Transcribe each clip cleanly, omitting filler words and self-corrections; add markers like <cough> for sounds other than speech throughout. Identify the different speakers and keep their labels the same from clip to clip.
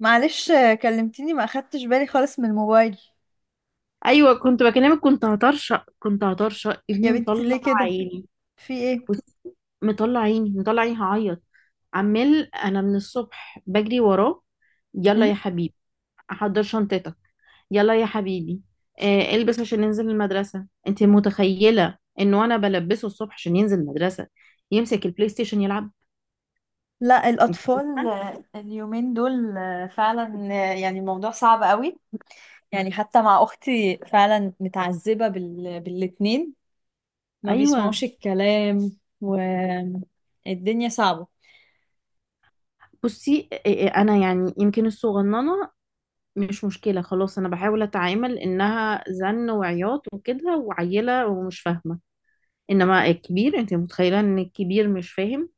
Speaker 1: معلش كلمتيني ما اخدتش بالي خالص من الموبايل.
Speaker 2: ايوه، كنت بكلمك. كنت هطرشق، كنت هطرشق.
Speaker 1: يا
Speaker 2: ابني
Speaker 1: بنتي
Speaker 2: مطلع
Speaker 1: ليه كده؟
Speaker 2: عيني.
Speaker 1: في ايه؟
Speaker 2: بص. مطلع عيني مطلع عيني، هعيط. عمال انا من الصبح بجري وراه. يلا يا
Speaker 1: مم.
Speaker 2: حبيبي، احضر شنطتك. يلا يا حبيبي. البس عشان ننزل المدرسه. انت متخيله انه انا بلبسه الصبح عشان ينزل المدرسه؟ يمسك البلاي ستيشن يلعب.
Speaker 1: لا
Speaker 2: انت
Speaker 1: الاطفال
Speaker 2: متخيلة؟
Speaker 1: اليومين دول فعلا، يعني الموضوع صعب قوي. يعني حتى مع اختي فعلا متعذبة بالاتنين، ما
Speaker 2: ايوه.
Speaker 1: بيسمعوش الكلام، والدنيا صعبة.
Speaker 2: بصي، انا يعني يمكن الصغننه، مش مشكلة. خلاص أنا بحاول أتعامل إنها زن وعياط وكده وعيلة ومش فاهمة. إنما الكبير، أنت متخيلة إن الكبير مش فاهم؟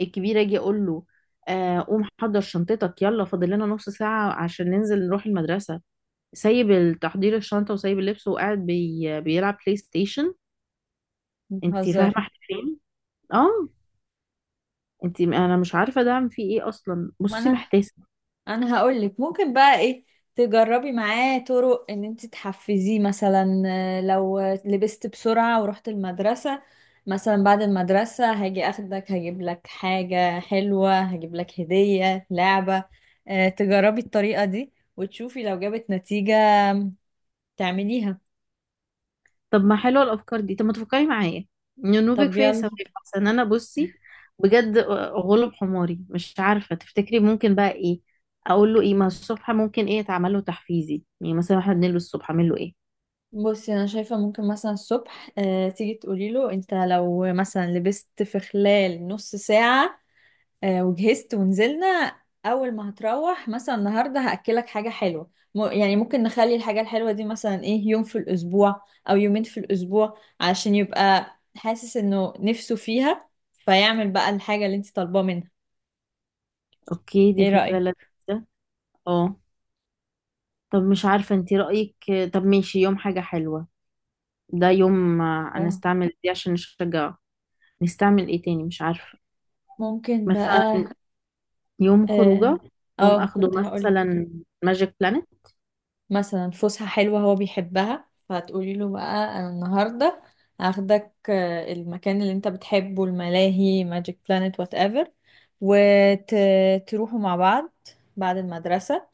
Speaker 2: الكبير أجي أقول له قوم حضر شنطتك يلا، فاضل لنا نص ساعة عشان ننزل نروح المدرسة. سايب تحضير الشنطة وسايب اللبس وقاعد بيلعب بلاي ستيشن. أنت فاهمة
Speaker 1: بتهزري؟
Speaker 2: إحنا فين؟ آه. أنت، أنا مش عارفة ده عم فيه إيه أصلا.
Speaker 1: ما
Speaker 2: بصي
Speaker 1: انا
Speaker 2: محتاسة.
Speaker 1: انا هقولك ممكن بقى ايه. تجربي معاه طرق ان انت تحفزيه، مثلا لو لبست بسرعة ورحت المدرسة، مثلا بعد المدرسة هاجي اخدك، هجيب لك حاجة حلوة، هجيب لك هدية لعبة. تجربي الطريقة دي وتشوفي لو جابت نتيجة تعمليها.
Speaker 2: طب ما حلوه الافكار دي، طب ما تفكري معايا. ننوبك
Speaker 1: طب
Speaker 2: فيا
Speaker 1: يلا.
Speaker 2: ثواب، احسن انا بصي بجد غلب حماري، مش عارفه. تفتكري ممكن بقى ايه اقول له؟ ايه ما الصبح ممكن ايه يتعمل له تحفيزي؟ يعني مثلا احنا بنلبس الصبح، اعمل له ايه؟
Speaker 1: بصي انا شايفة ممكن مثلا الصبح تيجي تقولي له انت لو مثلا لبست في خلال نص ساعة وجهزت ونزلنا، اول ما هتروح مثلا النهارده هاكلك حاجه حلوه، يعني ممكن نخلي الحاجه الحلوه دي مثلا ايه، يوم في الاسبوع او يومين في الاسبوع، عشان يبقى حاسس انه نفسه فيها، فيعمل بقى الحاجه اللي انت طالباه منها.
Speaker 2: اوكي، دي
Speaker 1: ايه
Speaker 2: فكره
Speaker 1: رايك؟
Speaker 2: لذيذه. اه. طب مش عارفه، انت رايك؟ طب ماشي، يوم حاجه حلوه. ده يوم، انا
Speaker 1: اه،
Speaker 2: استعمل دي عشان نشجعه. نستعمل ايه تاني؟ مش عارفه.
Speaker 1: ممكن
Speaker 2: مثلا
Speaker 1: بقى.
Speaker 2: يوم
Speaker 1: اه،
Speaker 2: خروجه، يوم اخده
Speaker 1: كنت هقول
Speaker 2: مثلا ماجيك بلانت.
Speaker 1: مثلا فسحة حلوة هو بيحبها، فهتقولي له بقى أنا النهاردة هاخدك المكان اللي انت بتحبه، الملاهي، ماجيك بلانت، وات ايفر، وتروحوا مع بعض بعد المدرسة.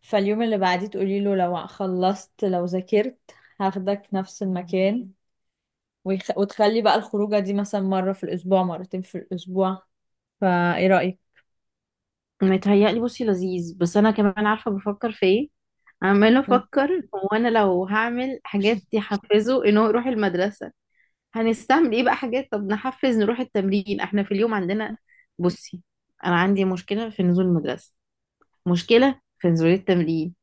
Speaker 1: فاليوم اللي بعديه تقولي له لو خلصت، لو ذاكرت، هاخدك نفس المكان. وتخلي بقى الخروجة دي مثلا مرة في الأسبوع، مرتين في الأسبوع. فايه رأيك؟
Speaker 2: متهيألي بصي لذيذ، بس انا كمان عارفه بفكر في ايه. عمال
Speaker 1: مم.
Speaker 2: افكر، هو انا لو هعمل حاجات يحفزه ان هو يروح المدرسه، هنستعمل ايه بقى؟ حاجات، طب نحفز نروح التمرين احنا في اليوم عندنا. بصي، انا عندي مشكله في نزول المدرسه، مشكله في نزول التمرين،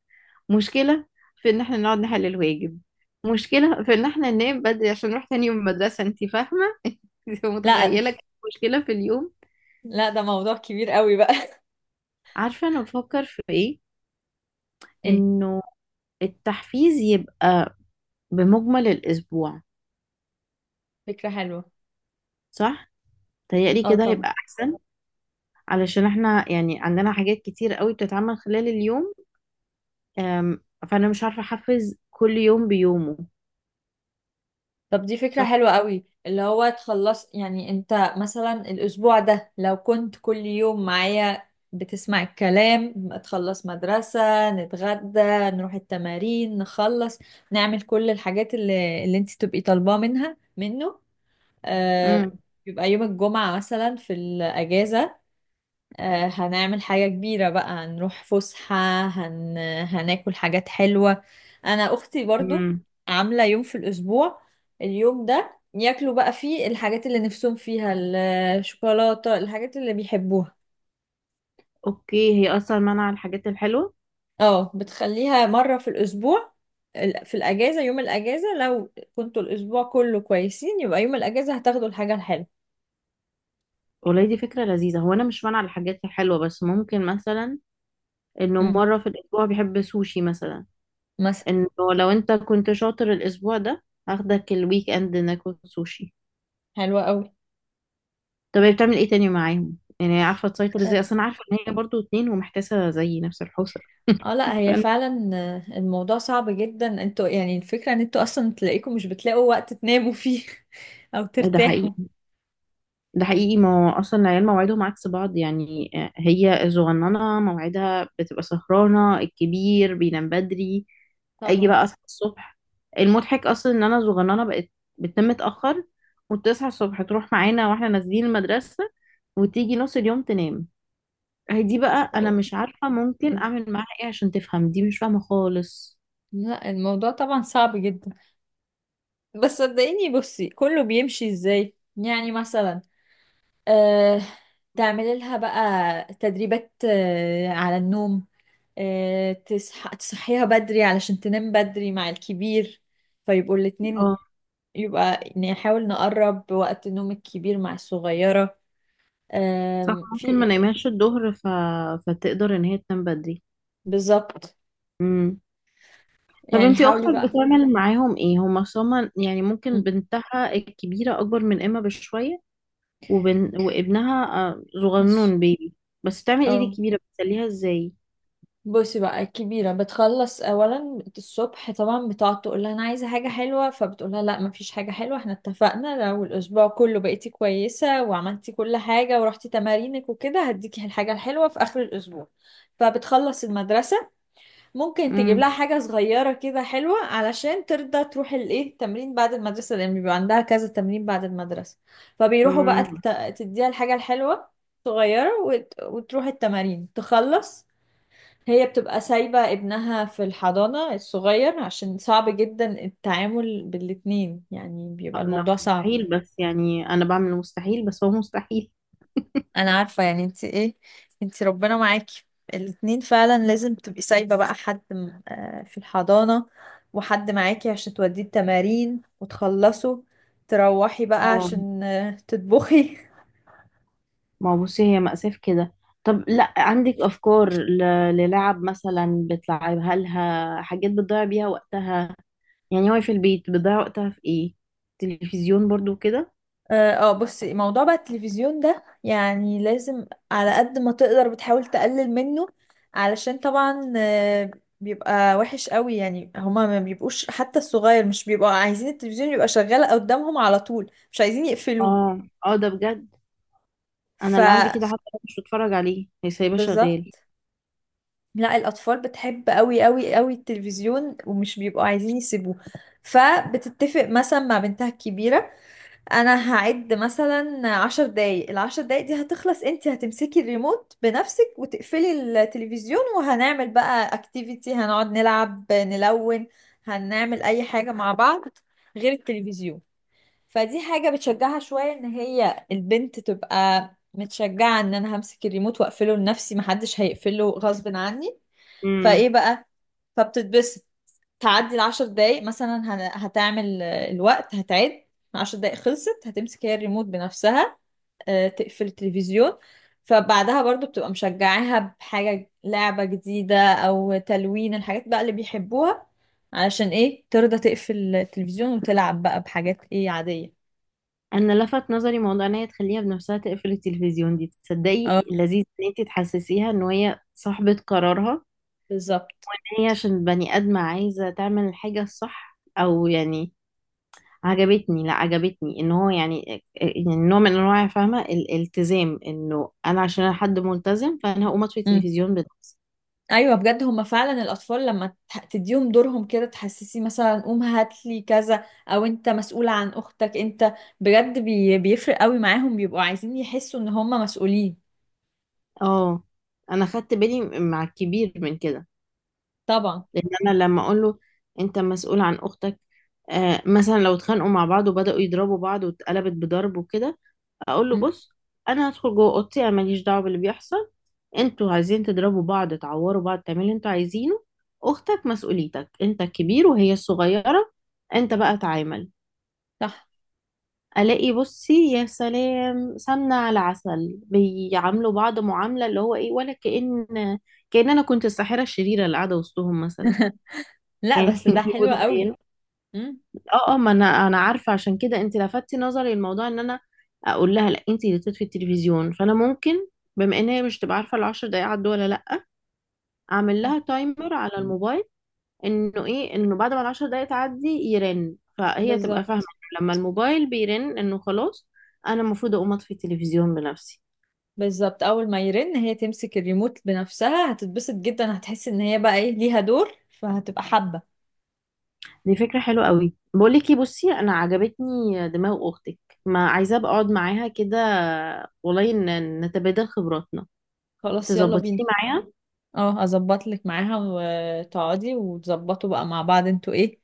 Speaker 2: مشكله في ان احنا نقعد نحل الواجب، مشكله في ان احنا ننام بدري عشان نروح تاني يوم المدرسه. انت فاهمه؟ <laughs> انت
Speaker 1: لا،
Speaker 2: متخيله كم مشكله في اليوم؟
Speaker 1: لا ده موضوع كبير قوي بقى. <laughs>
Speaker 2: عارفه انا بفكر في ايه؟
Speaker 1: ايه؟
Speaker 2: انه التحفيز يبقى بمجمل الأسبوع.
Speaker 1: فكرة حلوة.
Speaker 2: صح؟ تهيألي
Speaker 1: اه
Speaker 2: كده
Speaker 1: طبعا.
Speaker 2: هيبقى أحسن. علشان احنا يعني عندنا حاجات كتير قوي بتتعمل خلال اليوم. أم، فأنا مش عارفة أحفز كل يوم بيومه.
Speaker 1: طب دي فكرة
Speaker 2: صح؟
Speaker 1: حلوة قوي، اللي هو تخلص يعني انت مثلا الأسبوع ده لو كنت كل يوم معايا بتسمع الكلام، تخلص مدرسة، نتغدى، نروح التمارين، نخلص، نعمل كل الحاجات اللي انت تبقي طالباه منها منه. آه،
Speaker 2: امم.
Speaker 1: يبقى يوم الجمعة مثلا في الأجازة هنعمل حاجة كبيرة بقى، هنروح فسحة، هن... هناكل حاجات حلوة. أنا أختي برضو
Speaker 2: امم.
Speaker 1: عاملة يوم في الأسبوع، اليوم ده ياكلوا بقى فيه الحاجات اللي نفسهم فيها، الشوكولاتة، الحاجات اللي بيحبوها.
Speaker 2: أوكي، هي أصلا منع الحاجات الحلوة.
Speaker 1: اه، بتخليها مرة في الأسبوع، في الأجازة، يوم الأجازة لو كنتوا الأسبوع كله كويسين يبقى يوم الأجازة هتاخدوا الحاجة الحلوة.
Speaker 2: والله دي فكرة لذيذة. هو أنا مش منع الحاجات الحلوة، بس ممكن مثلا إنه
Speaker 1: مم.
Speaker 2: مرة في الأسبوع بيحب سوشي مثلا.
Speaker 1: مثلا.
Speaker 2: إنه لو أنت كنت شاطر الأسبوع ده، هاخدك الويك إند ناكل سوشي.
Speaker 1: حلوة أوي.
Speaker 2: طب هي بتعمل ايه تاني معاهم يعني؟ هي عارفه تسيطر ازاي اصلا؟ عارفه ان هي برضو اتنين ومحتاسه زي نفس الحوسه.
Speaker 1: اه لا هي
Speaker 2: فأنا-
Speaker 1: فعلا الموضوع صعب جدا. انتوا يعني الفكرة ان انتوا اصلا تلاقيكم مش بتلاقوا وقت تناموا فيه <laughs> او
Speaker 2: ده
Speaker 1: ترتاحوا.
Speaker 2: حقيقي. ده حقيقي، ما هو اصلا العيال مواعيدهم عكس بعض، يعني هي الصغننه مواعيدها بتبقى سهرانه، الكبير بينام بدري. اجي
Speaker 1: طبعا.
Speaker 2: بقى اصحى الصبح، المضحك اصلا ان انا صغننه بقت بتنام متاخر، وتصحى الصبح تروح معانا واحنا نازلين المدرسه، وتيجي نص اليوم تنام. هي دي بقى، انا
Speaker 1: اه.
Speaker 2: مش عارفه ممكن اعمل معاها ايه عشان تفهم. دي مش فاهمه خالص.
Speaker 1: لا الموضوع طبعا صعب جدا، بس صدقيني بصي كله بيمشي ازاي، يعني مثلا آه تعملي لها بقى تدريبات على النوم، تصحيها بدري علشان تنام بدري مع الكبير، فيبقوا الاتنين، يبقى يعني نحاول نقرب وقت نوم الكبير مع الصغيرة.
Speaker 2: صح،
Speaker 1: في.
Speaker 2: ممكن ما نايمهاش الظهر فتقدر ان هي تنام بدري.
Speaker 1: بالظبط.
Speaker 2: امم. طب
Speaker 1: يعني
Speaker 2: انتي اختك
Speaker 1: حاولي بقى.
Speaker 2: بتعمل معاهم ايه؟ هما صما يعني، ممكن
Speaker 1: مم.
Speaker 2: بنتها الكبيره اكبر من اما بشويه، وابنها
Speaker 1: ماشي.
Speaker 2: صغنون بيبي. بس بتعمل ايه دي
Speaker 1: اه
Speaker 2: الكبيره؟ بتسليها ازاي؟
Speaker 1: بصي بقى الكبيرة بتخلص أولا الصبح طبعا، بتقعد تقول لها أنا عايزة حاجة حلوة، فبتقول لها لا مفيش حاجة حلوة، احنا اتفقنا لو الأسبوع كله بقيتي كويسة وعملتي كل حاجة ورحتي تمارينك وكده هديكي الحاجة الحلوة في آخر الأسبوع. فبتخلص المدرسة، ممكن تجيب لها
Speaker 2: امم.
Speaker 1: حاجة صغيرة كده حلوة علشان ترضى تروح الايه التمرين بعد المدرسة، لأن بيبقى عندها كذا تمرين بعد المدرسة. فبيروحوا بقى،
Speaker 2: امم.
Speaker 1: تديها الحاجة الحلوة صغيرة، وتروح التمارين، تخلص. هي بتبقى سايبة ابنها في الحضانة الصغير عشان صعب جدا التعامل بالاتنين، يعني بيبقى
Speaker 2: لا
Speaker 1: الموضوع صعب.
Speaker 2: مستحيل، بس يعني انا بعمل المستحيل، بس هو مستحيل.
Speaker 1: انا عارفة يعني انت ايه، انت ربنا معاكي. الاتنين فعلا لازم تبقي سايبة بقى حد في الحضانة، وحد معاكي عشان توديه التمارين وتخلصوا تروحي بقى
Speaker 2: اه،
Speaker 1: عشان تطبخي. <laughs>
Speaker 2: ما هو بصي هي مأساة في كده. طب، لا عندك افكار للعب؟ مثلا بتلعبها لها حاجات بتضيع بيها وقتها، يعني هو في البيت بيضيع وقتها في ايه؟ تلفزيون برضو كده؟
Speaker 1: اه بصي موضوع بقى التلفزيون ده يعني لازم على قد ما تقدر بتحاول تقلل منه، علشان طبعا بيبقى وحش قوي. يعني هما ما بيبقوش، حتى الصغير، مش بيبقوا عايزين التلفزيون يبقى شغال قدامهم على طول، مش عايزين يقفلوه.
Speaker 2: اه، اه، ده بجد. انا
Speaker 1: ف.
Speaker 2: اللي عندي كده، حتى لو مش بتفرج عليه هي سايباه شغال.
Speaker 1: بالظبط. لا الأطفال بتحب قوي قوي قوي التلفزيون ومش بيبقوا عايزين يسيبوه، فبتتفق مثلا مع بنتها الكبيرة أنا هعد مثلا 10 دقايق، العشر دقايق دي هتخلص انت هتمسكي الريموت بنفسك وتقفلي التلفزيون، وهنعمل بقى اكتيفيتي، هنقعد نلعب، نلون، هنعمل أي حاجة مع بعض غير التلفزيون. فدي حاجة بتشجعها شوية ان هي البنت تبقى متشجعة ان انا همسك الريموت واقفله لنفسي، محدش هيقفله غصب عني.
Speaker 2: امم.
Speaker 1: فايه بقى، فبتتبسط. تعدي العشر دقايق مثلا، هتعمل الوقت، هتعد 10 دقايق، خلصت، هتمسك هي الريموت بنفسها تقفل التلفزيون. فبعدها برضو بتبقى مشجعاها بحاجة لعبة جديدة أو تلوين الحاجات بقى اللي بيحبوها، علشان ايه ترضى تقفل التلفزيون وتلعب بقى بحاجات ايه عادية.
Speaker 2: انا لفت نظري موضوع ان هي تخليها بنفسها تقفل التلفزيون، دي تصدقي
Speaker 1: اه
Speaker 2: لذيذ ان انت تحسسيها ان هي صاحبة قرارها.
Speaker 1: بالظبط.
Speaker 2: هي عشان بني ادمة عايزة تعمل الحاجة الصح، او يعني عجبتني. لا، عجبتني ان هو يعني نوع من انواع، فاهمة، الالتزام، انه انا عشان انا حد ملتزم فانا هقوم اطفي
Speaker 1: مم.
Speaker 2: التلفزيون بنفسي.
Speaker 1: ايوه بجد هما فعلا الاطفال لما تديهم دورهم كده، تحسسي مثلا قوم هات لي كذا او انت مسؤولة عن اختك، انت بجد بيفرق قوي معاهم، بيبقوا عايزين يحسوا ان هما مسؤولين.
Speaker 2: اه، انا خدت بالي مع الكبير من كده،
Speaker 1: طبعا.
Speaker 2: لان انا لما اقول له انت مسؤول عن اختك. مثلا لو اتخانقوا مع بعض وبداوا يضربوا بعض واتقلبت بضرب وكده، اقول له
Speaker 1: مم.
Speaker 2: بص، انا هدخل جوه اوضتي، انا ماليش دعوه باللي بيحصل. انتوا عايزين تضربوا بعض، تعوروا بعض، تعملوا اللي انتوا عايزينه. اختك مسؤوليتك، انت الكبير وهي الصغيره، انت بقى تعامل.
Speaker 1: صح.
Speaker 2: الاقي بصي يا سلام سمنه على عسل، بيعاملوا بعض معامله اللي هو ايه، ولا كأن، كأن انا كنت الساحره الشريره اللي قاعده وسطهم مثلا.
Speaker 1: <laughs> لا
Speaker 2: يعني
Speaker 1: بس
Speaker 2: <laughs>
Speaker 1: ده
Speaker 2: انت
Speaker 1: حلو قوي.
Speaker 2: متخيله؟
Speaker 1: مم.
Speaker 2: اه، اه، ما انا عارفه. عشان كده انت لفتي نظري الموضوع ان انا اقول لها لا انت اللي تطفي التلفزيون، فانا ممكن بما ان هي مش تبقى عارفه العشر دقايق عدوا ولا لا، اعمل
Speaker 1: صح.
Speaker 2: لها تايمر على الموبايل، انه ايه، انه بعد ما العشر دقايق تعدي يرن، فهي تبقى فاهمة
Speaker 1: بالظبط.
Speaker 2: لما الموبايل بيرن انه خلاص انا المفروض اقوم اطفي التلفزيون بنفسي.
Speaker 1: بالظبط، اول ما يرن هي تمسك الريموت بنفسها هتتبسط جدا، هتحس ان هي بقى ايه ليها دور، فهتبقى حابة.
Speaker 2: دي فكرة حلوة قوي. بقول لك ايه بصي، انا عجبتني دماغ اختك، ما عايزة ابقى اقعد معاها كده، والله نتبادل خبراتنا،
Speaker 1: خلاص يلا بينا.
Speaker 2: تظبطيني معايا.
Speaker 1: اه اظبط لك معاها وتقعدي وتظبطوا بقى مع بعض انتوا ايه،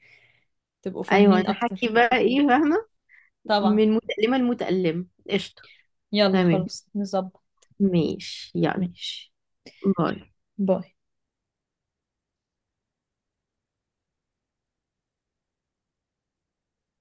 Speaker 1: تبقوا
Speaker 2: ايوه
Speaker 1: فاهمين
Speaker 2: نحكي
Speaker 1: اكتر.
Speaker 2: بقى ايه، فاهمة،
Speaker 1: طبعا.
Speaker 2: من متألمة لمتألم قشطة.
Speaker 1: يلا
Speaker 2: تمام،
Speaker 1: خلاص نظبط.
Speaker 2: ماشي يلا.
Speaker 1: ماشي.
Speaker 2: باي.
Speaker 1: باي.